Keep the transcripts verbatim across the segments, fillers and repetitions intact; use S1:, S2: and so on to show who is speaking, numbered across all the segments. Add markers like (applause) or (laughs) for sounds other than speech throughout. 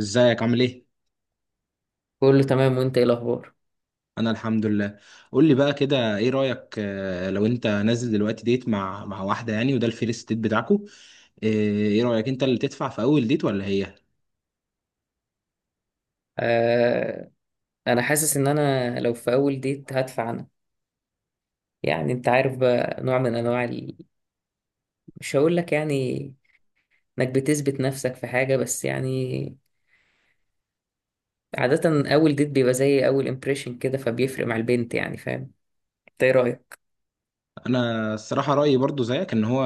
S1: ازيك عامل ايه؟
S2: كله تمام وانت ايه الاخبار.
S1: انا الحمد لله. قول لي بقى كده، ايه رأيك، آه، لو انت نازل دلوقتي ديت مع مع واحدة يعني وده الفيرست ديت بتاعكو؟ آه، ايه رأيك، انت اللي تدفع في اول ديت ولا هي؟
S2: آه، انا حاسس ان انا لو في اول ديت هدفع انا. يعني انت عارف بقى نوع من انواع ال... مش هقول لك يعني انك بتثبت نفسك في حاجة، بس يعني عادة اول ديت بيبقى زي اول امبريشن كده، فبيفرق مع البنت يعني. فاهم، انت ايه رأيك؟
S1: انا الصراحة رأيي برضو زيك، ان هو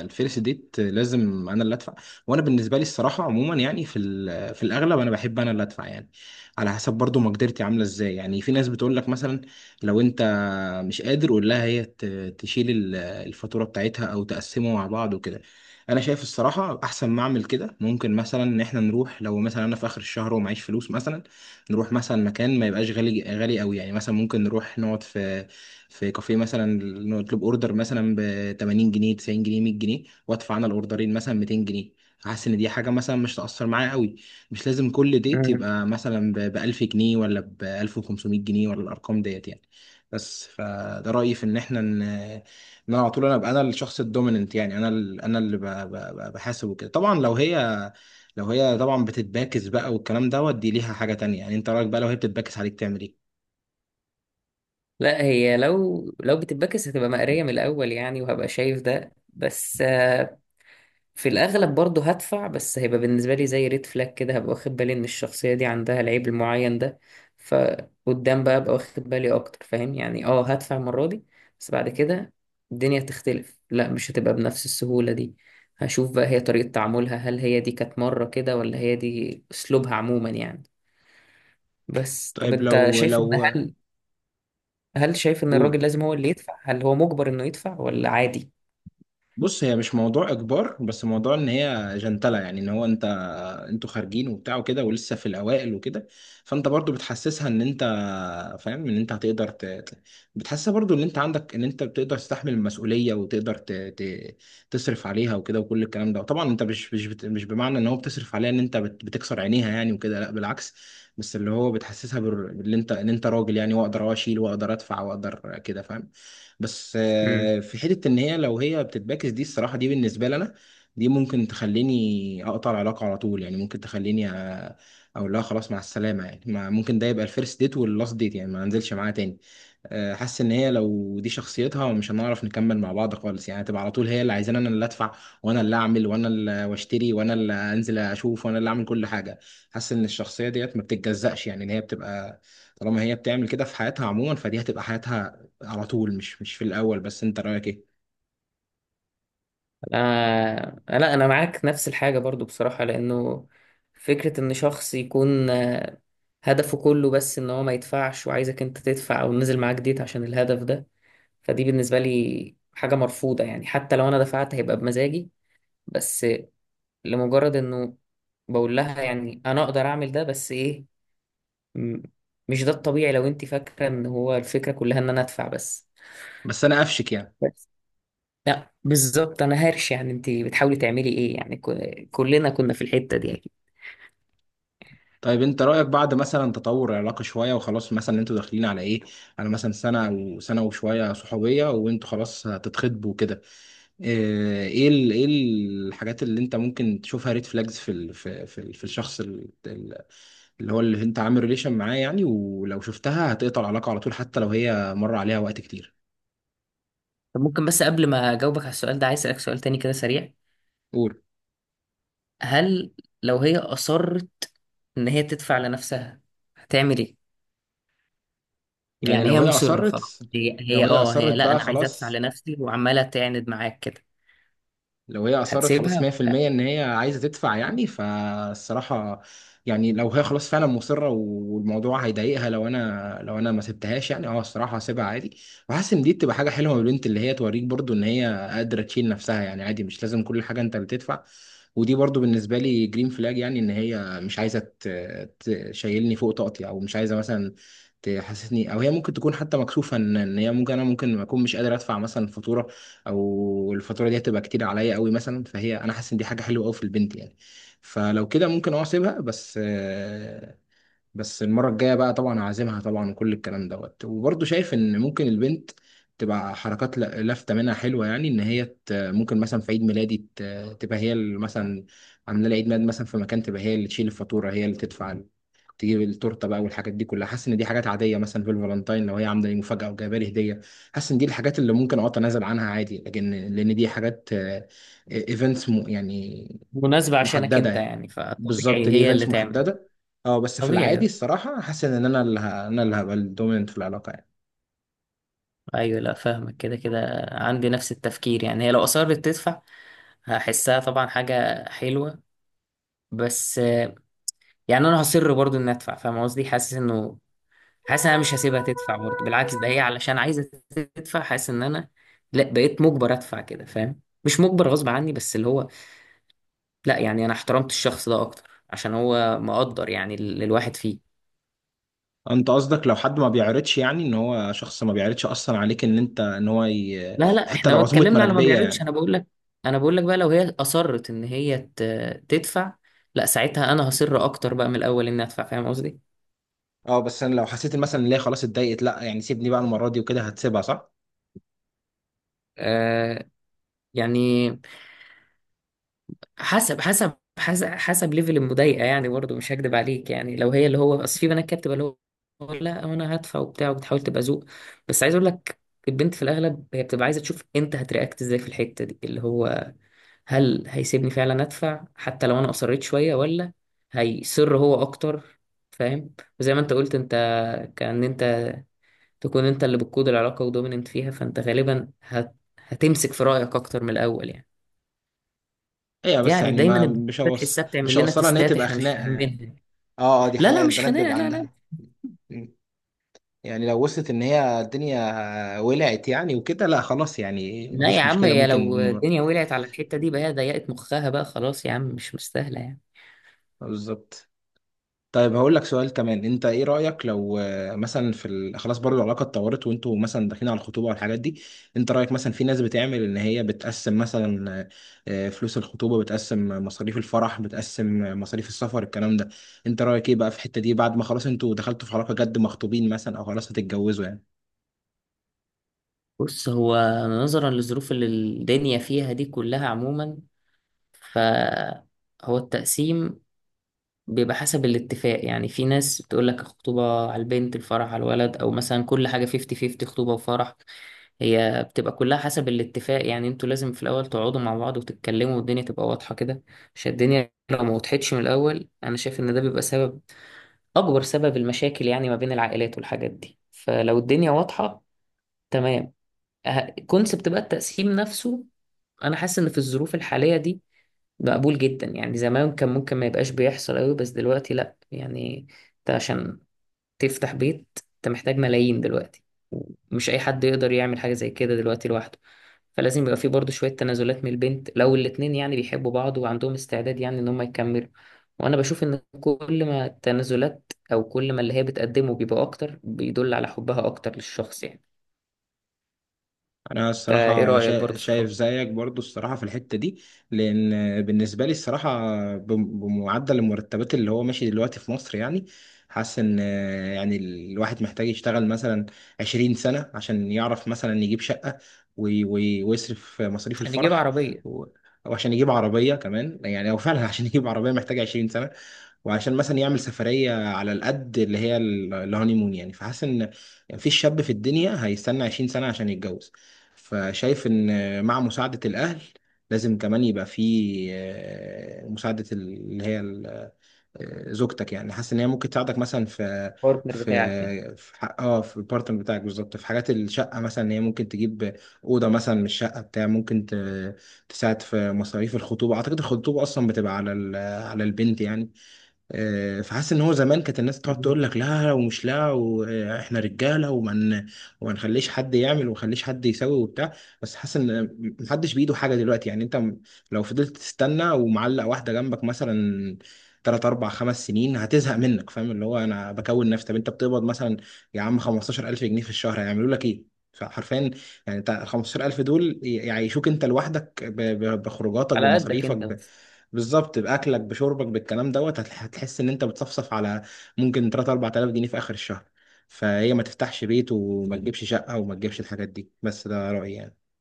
S1: الفيرست ديت لازم انا اللي ادفع. وانا بالنسبة لي الصراحة عموما يعني في ال- في الاغلب انا بحب انا اللي ادفع يعني. على حسب برضو مقدرتي عاملة ازاي. يعني في ناس بتقول لك مثلا، لو انت ما مش قادر ولا هي ت- تشيل ال- الفاتورة بتاعتها او تقسمه مع بعض وكده. انا شايف الصراحة احسن ما اعمل كده، ممكن مثلا ان احنا نروح لو مثلا انا في اخر الشهر ومعيش فلوس مثلا، نروح مثلا مكان ما يبقاش غالي غالي قوي. يعني مثلا ممكن نروح نقعد في في كافيه مثلا، نطلب اوردر مثلا ب ثمانين جنيه تسعين جنيه ميه جنيه، وادفع انا الاوردرين مثلا ميتين جنيه. حاسس ان دي حاجه مثلا مش تاثر معايا قوي. مش لازم كل ديت
S2: مم.
S1: يبقى مثلا ب ألف جنيه ولا ب ألف وخمسمية جنيه ولا الارقام ديت يعني. بس فده رأيي، في ان احنا ان ان انا على طول انا ابقى انا الشخص الدوميننت يعني، انا ال- انا اللي ب- ب- ب- بحاسب وكده. طبعا لو هي، لو هي طبعا بتتباكس بقى والكلام دوت، دي ليها حاجة تانية. يعني انت رأيك بقى لو هي بتتباكس عليك تعمل ايه؟
S2: لا هي لو لو بتتبكس هتبقى مقرية من الاول يعني، وهبقى شايف ده. بس في الأغلب برضه هدفع، بس هيبقى بالنسبة لي زي ريد فلاج كده، هبقى واخد بالي إن الشخصية دي عندها العيب المعين ده. فقدام بقى أبقى واخد بالي أكتر، فاهم يعني. أه هدفع المرة دي، بس بعد كده الدنيا تختلف، لا مش هتبقى بنفس السهولة دي. هشوف بقى هي طريقة تعاملها، هل هي دي كانت مرة كده ولا هي دي أسلوبها عموما يعني. بس طب
S1: طيب،
S2: أنت
S1: لو
S2: شايف إن
S1: لو
S2: هل هل شايف إن الراجل
S1: قول.
S2: لازم هو اللي يدفع، هل هو مجبر إنه يدفع ولا عادي؟
S1: بص، هي مش موضوع اجبار، بس موضوع ان هي جنتله. يعني ان هو انت، انتوا خارجين وبتاع وكده ولسه في الاوائل وكده. فانت برضو بتحسسها ان انت فاهم ان انت هتقدر ت... ت- بتحسسها برضو ان انت عندك، ان انت بتقدر تستحمل المسؤوليه وتقدر ت... ت... تصرف عليها وكده وكل الكلام ده. طبعا انت مش مش بت... مش بمعنى ان هو بتصرف عليها ان انت بت... بتكسر عينيها يعني وكده، لا بالعكس. بس اللي هو بتحسسها بال... ان انت ان انت راجل يعني، واقدر اشيل واقدر ادفع واقدر كده فاهم. بس آه، في حته ان هي، لو هي بتتباكس، دي الصراحه دي بالنسبه لنا دي ممكن تخليني اقطع العلاقه على طول. يعني ممكن تخليني أ- اقول لها خلاص مع السلامه. يعني ما ممكن ده يبقى الفيرست ديت واللاست ديت، يعني ما انزلش معاها تاني. آه، حاسس ان هي لو دي شخصيتها مش هنعرف نكمل مع بعض خالص. يعني تبقى على طول هي اللي عايزاني انا اللي ادفع، وانا اللي اعمل، وانا اللي واشتري، وانا اللي انزل اشوف، وانا اللي اعمل كل حاجه. حاسس ان الشخصيه ديت ما بتتجزأش. يعني ان هي بتبقى طالما هي بتعمل كده في حياتها عموما، فدي هتبقى حياتها على طول، مش مش في الاول بس. انت رايك ايه؟
S2: آه آه، لا انا معاك نفس الحاجه برضو بصراحه، لانه فكره ان شخص يكون آه، هدفه كله بس ان هو ما يدفعش وعايزك انت تدفع، او نزل معاك ديت عشان الهدف ده، فدي بالنسبه لي حاجه مرفوضه يعني. حتى لو انا دفعت هيبقى بمزاجي، بس لمجرد انه بقول لها يعني انا اقدر اعمل ده، بس ايه، م- مش ده الطبيعي لو انت فاكره ان هو الفكره كلها ان انا ادفع بس.
S1: بس انا قفشك يعني.
S2: لا بالظبط انا هرش، يعني انت بتحاولي تعملي ايه يعني، ك- كلنا كنا في الحتة دي اكيد.
S1: طيب، انت رايك بعد مثلا تطور العلاقه شويه وخلاص، مثلا انتوا داخلين على ايه، على مثلا سنه او سنه وشويه صحوبيه، وانتوا خلاص هتتخطبوا كده، آه، ايه ال- ايه الحاجات اللي انت ممكن تشوفها ريد فلاجز في ال في في, ال- في الشخص ال- ال- اللي هو اللي انت عامل ريليشن معاه، يعني ولو شفتها هتقطع العلاقة على طول حتى لو هي مر عليها وقت كتير؟
S2: طب ممكن بس قبل ما اجاوبك على السؤال ده عايز اسالك سؤال تاني كده سريع.
S1: قول.
S2: هل لو هي اصرت ان هي تدفع لنفسها هتعمل ايه؟
S1: يعني
S2: يعني
S1: لو
S2: هي
S1: هي
S2: مصرة خلاص،
S1: اصرت،
S2: هي
S1: لو
S2: هي
S1: هي
S2: اه
S1: اصرت
S2: هي، لا
S1: بقى
S2: انا عايزه ادفع
S1: خلاص،
S2: لنفسي، وعماله تعند معاك كده.
S1: لو هي اصرت
S2: هتسيبها
S1: خلاص
S2: ولا لا؟
S1: ميه في الميه ان هي عايزه تدفع يعني فالصراحه، يعني لو هي خلاص فعلا مصره والموضوع هيضايقها لو انا، لو انا ما سبتهاش يعني، اه الصراحه هسيبها عادي. وحاسس ان دي تبقى حاجه حلوه من البنت، اللي هي توريك برضو ان هي قادره تشيل نفسها يعني. عادي، مش لازم كل حاجه انت اللي تدفع. ودي برضو بالنسبه لي جرين فلاج، يعني ان هي مش عايزه ت- تشيلني فوق طاقتي، او مش عايزه مثلا تحسسني، او هي ممكن تكون حتى مكسوفه ان إن هي ممكن، انا ممكن اكون مش قادر ادفع مثلا فاتوره، او الفاتوره دي هتبقى كتير عليا قوي مثلا. فهي، انا حاسس ان دي حاجه حلوه قوي في البنت يعني. فلو كده ممكن اه اسيبها. بس آه، بس المرة الجاية بقى طبعا هعزمها طبعا وكل الكلام دوت. وبرضه شايف ان ممكن البنت تبقى حركات ل- لافتة منها حلوة. يعني ان هي، ت- ممكن مثلا في عيد ميلادي ت- تبقى هي اللي مثلا عاملة لي عيد ميلاد مثلا في مكان، تبقى هي اللي تشيل الفاتورة، هي اللي تدفع ال- تجيب التورته بقى، والحاجات دي كلها. حاسس ان دي حاجات عاديه. مثلا في الفالنتاين لو هي عامله لي مفاجاه او جايبه لي هديه، حاسس ان دي الحاجات اللي ممكن اه اتنازل عنها عادي. لكن لان دي حاجات ايفنتس يعني
S2: مناسبة عشانك
S1: محدده
S2: انت
S1: يعني.
S2: يعني،
S1: بالظبط،
S2: فطبيعي
S1: دي
S2: هي اللي
S1: ايفنتس
S2: تعمل.
S1: محدده. اه، بس في
S2: طبيعي.
S1: العادي الصراحة حاسس ان انا اللي ه... انا اللي هبقى الدوميننت في العلاقة يعني.
S2: ايوه، لا فاهمك، كده كده عندي نفس التفكير. يعني هي لو اصرت تدفع هحسها طبعا حاجه حلوه، بس آه، يعني انا هصر برضو اني ادفع، فاهم قصدي، حاسس انه حاسس ان انا مش هسيبها تدفع برضو، بالعكس ده هي علشان عايزه تدفع حاسس ان انا لا بقيت مجبر ادفع كده، فاهم مش مجبر غصب عني، بس اللي هو لا يعني انا احترمت الشخص ده اكتر عشان هو مقدر يعني ال- الواحد فيه.
S1: انت قصدك لو حد ما بيعرضش، يعني ان هو شخص ما بيعرضش اصلا عليك ان انت، ان هو ي...
S2: لا لا
S1: حتى
S2: احنا
S1: لو عزومة
S2: اتكلمنا على ما
S1: مراكبية
S2: بيعرضش،
S1: يعني.
S2: انا بقول لك، انا بقول لك بقى لو هي اصرت ان هي ت- تدفع، لا ساعتها انا هصر اكتر بقى من الاول اني ادفع، فاهم قصدي.
S1: اه، بس انا لو حسيت إن مثلا ان هي خلاص اتضايقت، لا يعني سيبني بقى المرة دي وكده، هتسيبها صح؟
S2: آه. يعني حسب حسب حسب حسب ليفل المضايقه يعني، برضه مش هكدب عليك، يعني لو هي اللي هو اصل في بنات كانت بتبقى اللي هو لا انا هدفع وبتاع، وبتحاول تبقى ذوق. بس عايز اقول لك، البنت في الاغلب هي بتبقى عايزه تشوف انت هترياكت ازاي في الحته دي، اللي هو هل هيسيبني فعلا ادفع حتى لو انا اصريت شويه، ولا هيصر هو اكتر، فاهم. وزي ما انت قلت انت، كأن انت تكون انت اللي بتقود العلاقه ودوميننت فيها، فانت غالبا هت... هتمسك في رايك اكتر من الاول يعني.
S1: ايوه. بس
S2: يعني
S1: يعني
S2: دايما
S1: ما
S2: البنت
S1: مش هوص...
S2: بتحسها بتعمل
S1: مش
S2: لنا
S1: هوصلها ان هي
S2: تستات
S1: تبقى
S2: احنا مش
S1: خناقة يعني.
S2: فاهمينها.
S1: اه، اه، دي
S2: لا لا
S1: حقيقة
S2: مش
S1: البنات
S2: خناقه،
S1: بيبقى
S2: لا لا.
S1: عندها. مم. يعني لو وصلت ان هي الدنيا ولعت يعني وكده، لا خلاص يعني
S2: لا يا
S1: مفيش
S2: عم،
S1: مشكلة
S2: هي
S1: ممكن.
S2: لو الدنيا ولعت على الحته دي بقى هي ضيقت مخها بقى، خلاص يا عم مش مستاهله يعني.
S1: بالظبط. طيب هقول لك سؤال كمان. انت ايه رأيك لو آه، مثلا في ال... خلاص برضه العلاقة اتطورت وانتوا مثلا داخلين على الخطوبة والحاجات دي؟ انت رأيك مثلا، في ناس بتعمل ان هي بتقسم مثلا آه، آه، فلوس الخطوبة، بتقسم مصاريف الفرح، بتقسم آه، مصاريف السفر، الكلام ده. انت رأيك ايه بقى في الحتة دي بعد ما خلاص انتوا دخلتوا في علاقة جد مخطوبين مثلا او خلاص هتتجوزوا يعني؟
S2: بص هو نظرا للظروف اللي الدنيا فيها دي كلها عموما، فهو التقسيم بيبقى حسب الاتفاق يعني. في ناس بتقول لك الخطوبة على البنت الفرح على الولد، أو مثلا كل حاجة خمسين خمسين، خطوبة وفرح. هي بتبقى كلها حسب الاتفاق يعني، انتوا لازم في الأول تقعدوا مع بعض وتتكلموا، والدنيا تبقى واضحة كده. عشان الدنيا لو ما وضحتش من الأول أنا شايف إن ده بيبقى سبب، أكبر سبب المشاكل يعني ما بين العائلات والحاجات دي. فلو الدنيا واضحة تمام. كونسبت بقى التقسيم نفسه، انا حاسس ان في الظروف الحاليه دي مقبول جدا يعني. زمان كان ممكن ما يبقاش بيحصل قوي، بس دلوقتي لا يعني، انت عشان تفتح بيت انت محتاج ملايين دلوقتي، مش اي حد يقدر يعمل حاجه زي كده دلوقتي لوحده. فلازم يبقى في برضه شويه تنازلات من البنت، لو الاتنين يعني بيحبوا بعض وعندهم استعداد يعني ان هم يكملوا. وانا بشوف ان كل ما التنازلات او كل ما اللي هي بتقدمه بيبقى اكتر، بيدل على حبها اكتر للشخص يعني.
S1: انا
S2: فايه
S1: الصراحه
S2: رايك
S1: شا-
S2: برضه في الحوار؟
S1: شايف زيك برضو الصراحه في الحته دي. لان بالنسبه لي الصراحه، بم- بمعدل المرتبات اللي هو ماشي دلوقتي في مصر يعني، حاسس ان آه، يعني الواحد محتاج يشتغل مثلا 20 سنه عشان يعرف مثلا يجيب شقه وي- وي- ويصرف مصاريف
S2: عشان يجيب
S1: الفرح
S2: عربية.
S1: و- وعشان يجيب عربيه كمان. يعني هو فعلا (laughs) عشان يجيب عربيه محتاج 20 سنه، وعشان مثلا يعمل سفرية على القد اللي هي ال- الهانيمون يعني. فحاسس ان مفيش شاب في الدنيا هيستنى 20 سنة عشان يتجوز. فشايف ان مع مساعدة الاهل لازم كمان يبقى في آه، مساعدة ال- اللي هي ال- آه، زوجتك يعني. حاسس ان هي ممكن تساعدك مثلا في
S2: البارتنر بتاعك يعني.
S1: في في حق، اه في البارتنر بتاعك بالظبط، في حاجات الشقه مثلا. ان هي ممكن تجيب اوضه مثلا من الشقه بتاع، ممكن ت- تساعد في مصاريف الخطوبه. اعتقد الخطوبه اصلا بتبقى على ال- على البنت يعني. آه، فحاسس ان هو زمان كانت الناس تقعد
S2: مم.
S1: تقول لك لا، ومش لا واحنا رجاله، وما ن- وما نخليش حد يعمل، وما نخليش حد يسوي وبتاع. بس حاسس ان محدش بايده حاجه دلوقتي. يعني انت م- لو فضلت تستنى ومعلق واحده جنبك مثلا تلات أربع خمس سنين هتزهق منك. فاهم اللي هو أنا بكون نفسي، طب أنت بتقبض مثلا يا عم خمستاشر ألف جنيه في الشهر، هيعملوا لك إيه؟ فحرفيا يعني أنت ال خمسة عشر ألف دول ي- يعيشوك أنت لوحدك ب- ب- بخروجاتك،
S2: على قدك انت
S1: بمصاريفك،
S2: بس.
S1: بالظبط، باكلك، بشربك، بالكلام دوت. هتح- هتحس ان انت بتصفصف على ممكن تلات أربعة آلاف جنيه في اخر الشهر. فهي ما تفتحش بيت وما تجيبش شقه وما تجيبش الحاجات دي. بس ده رايي يعني.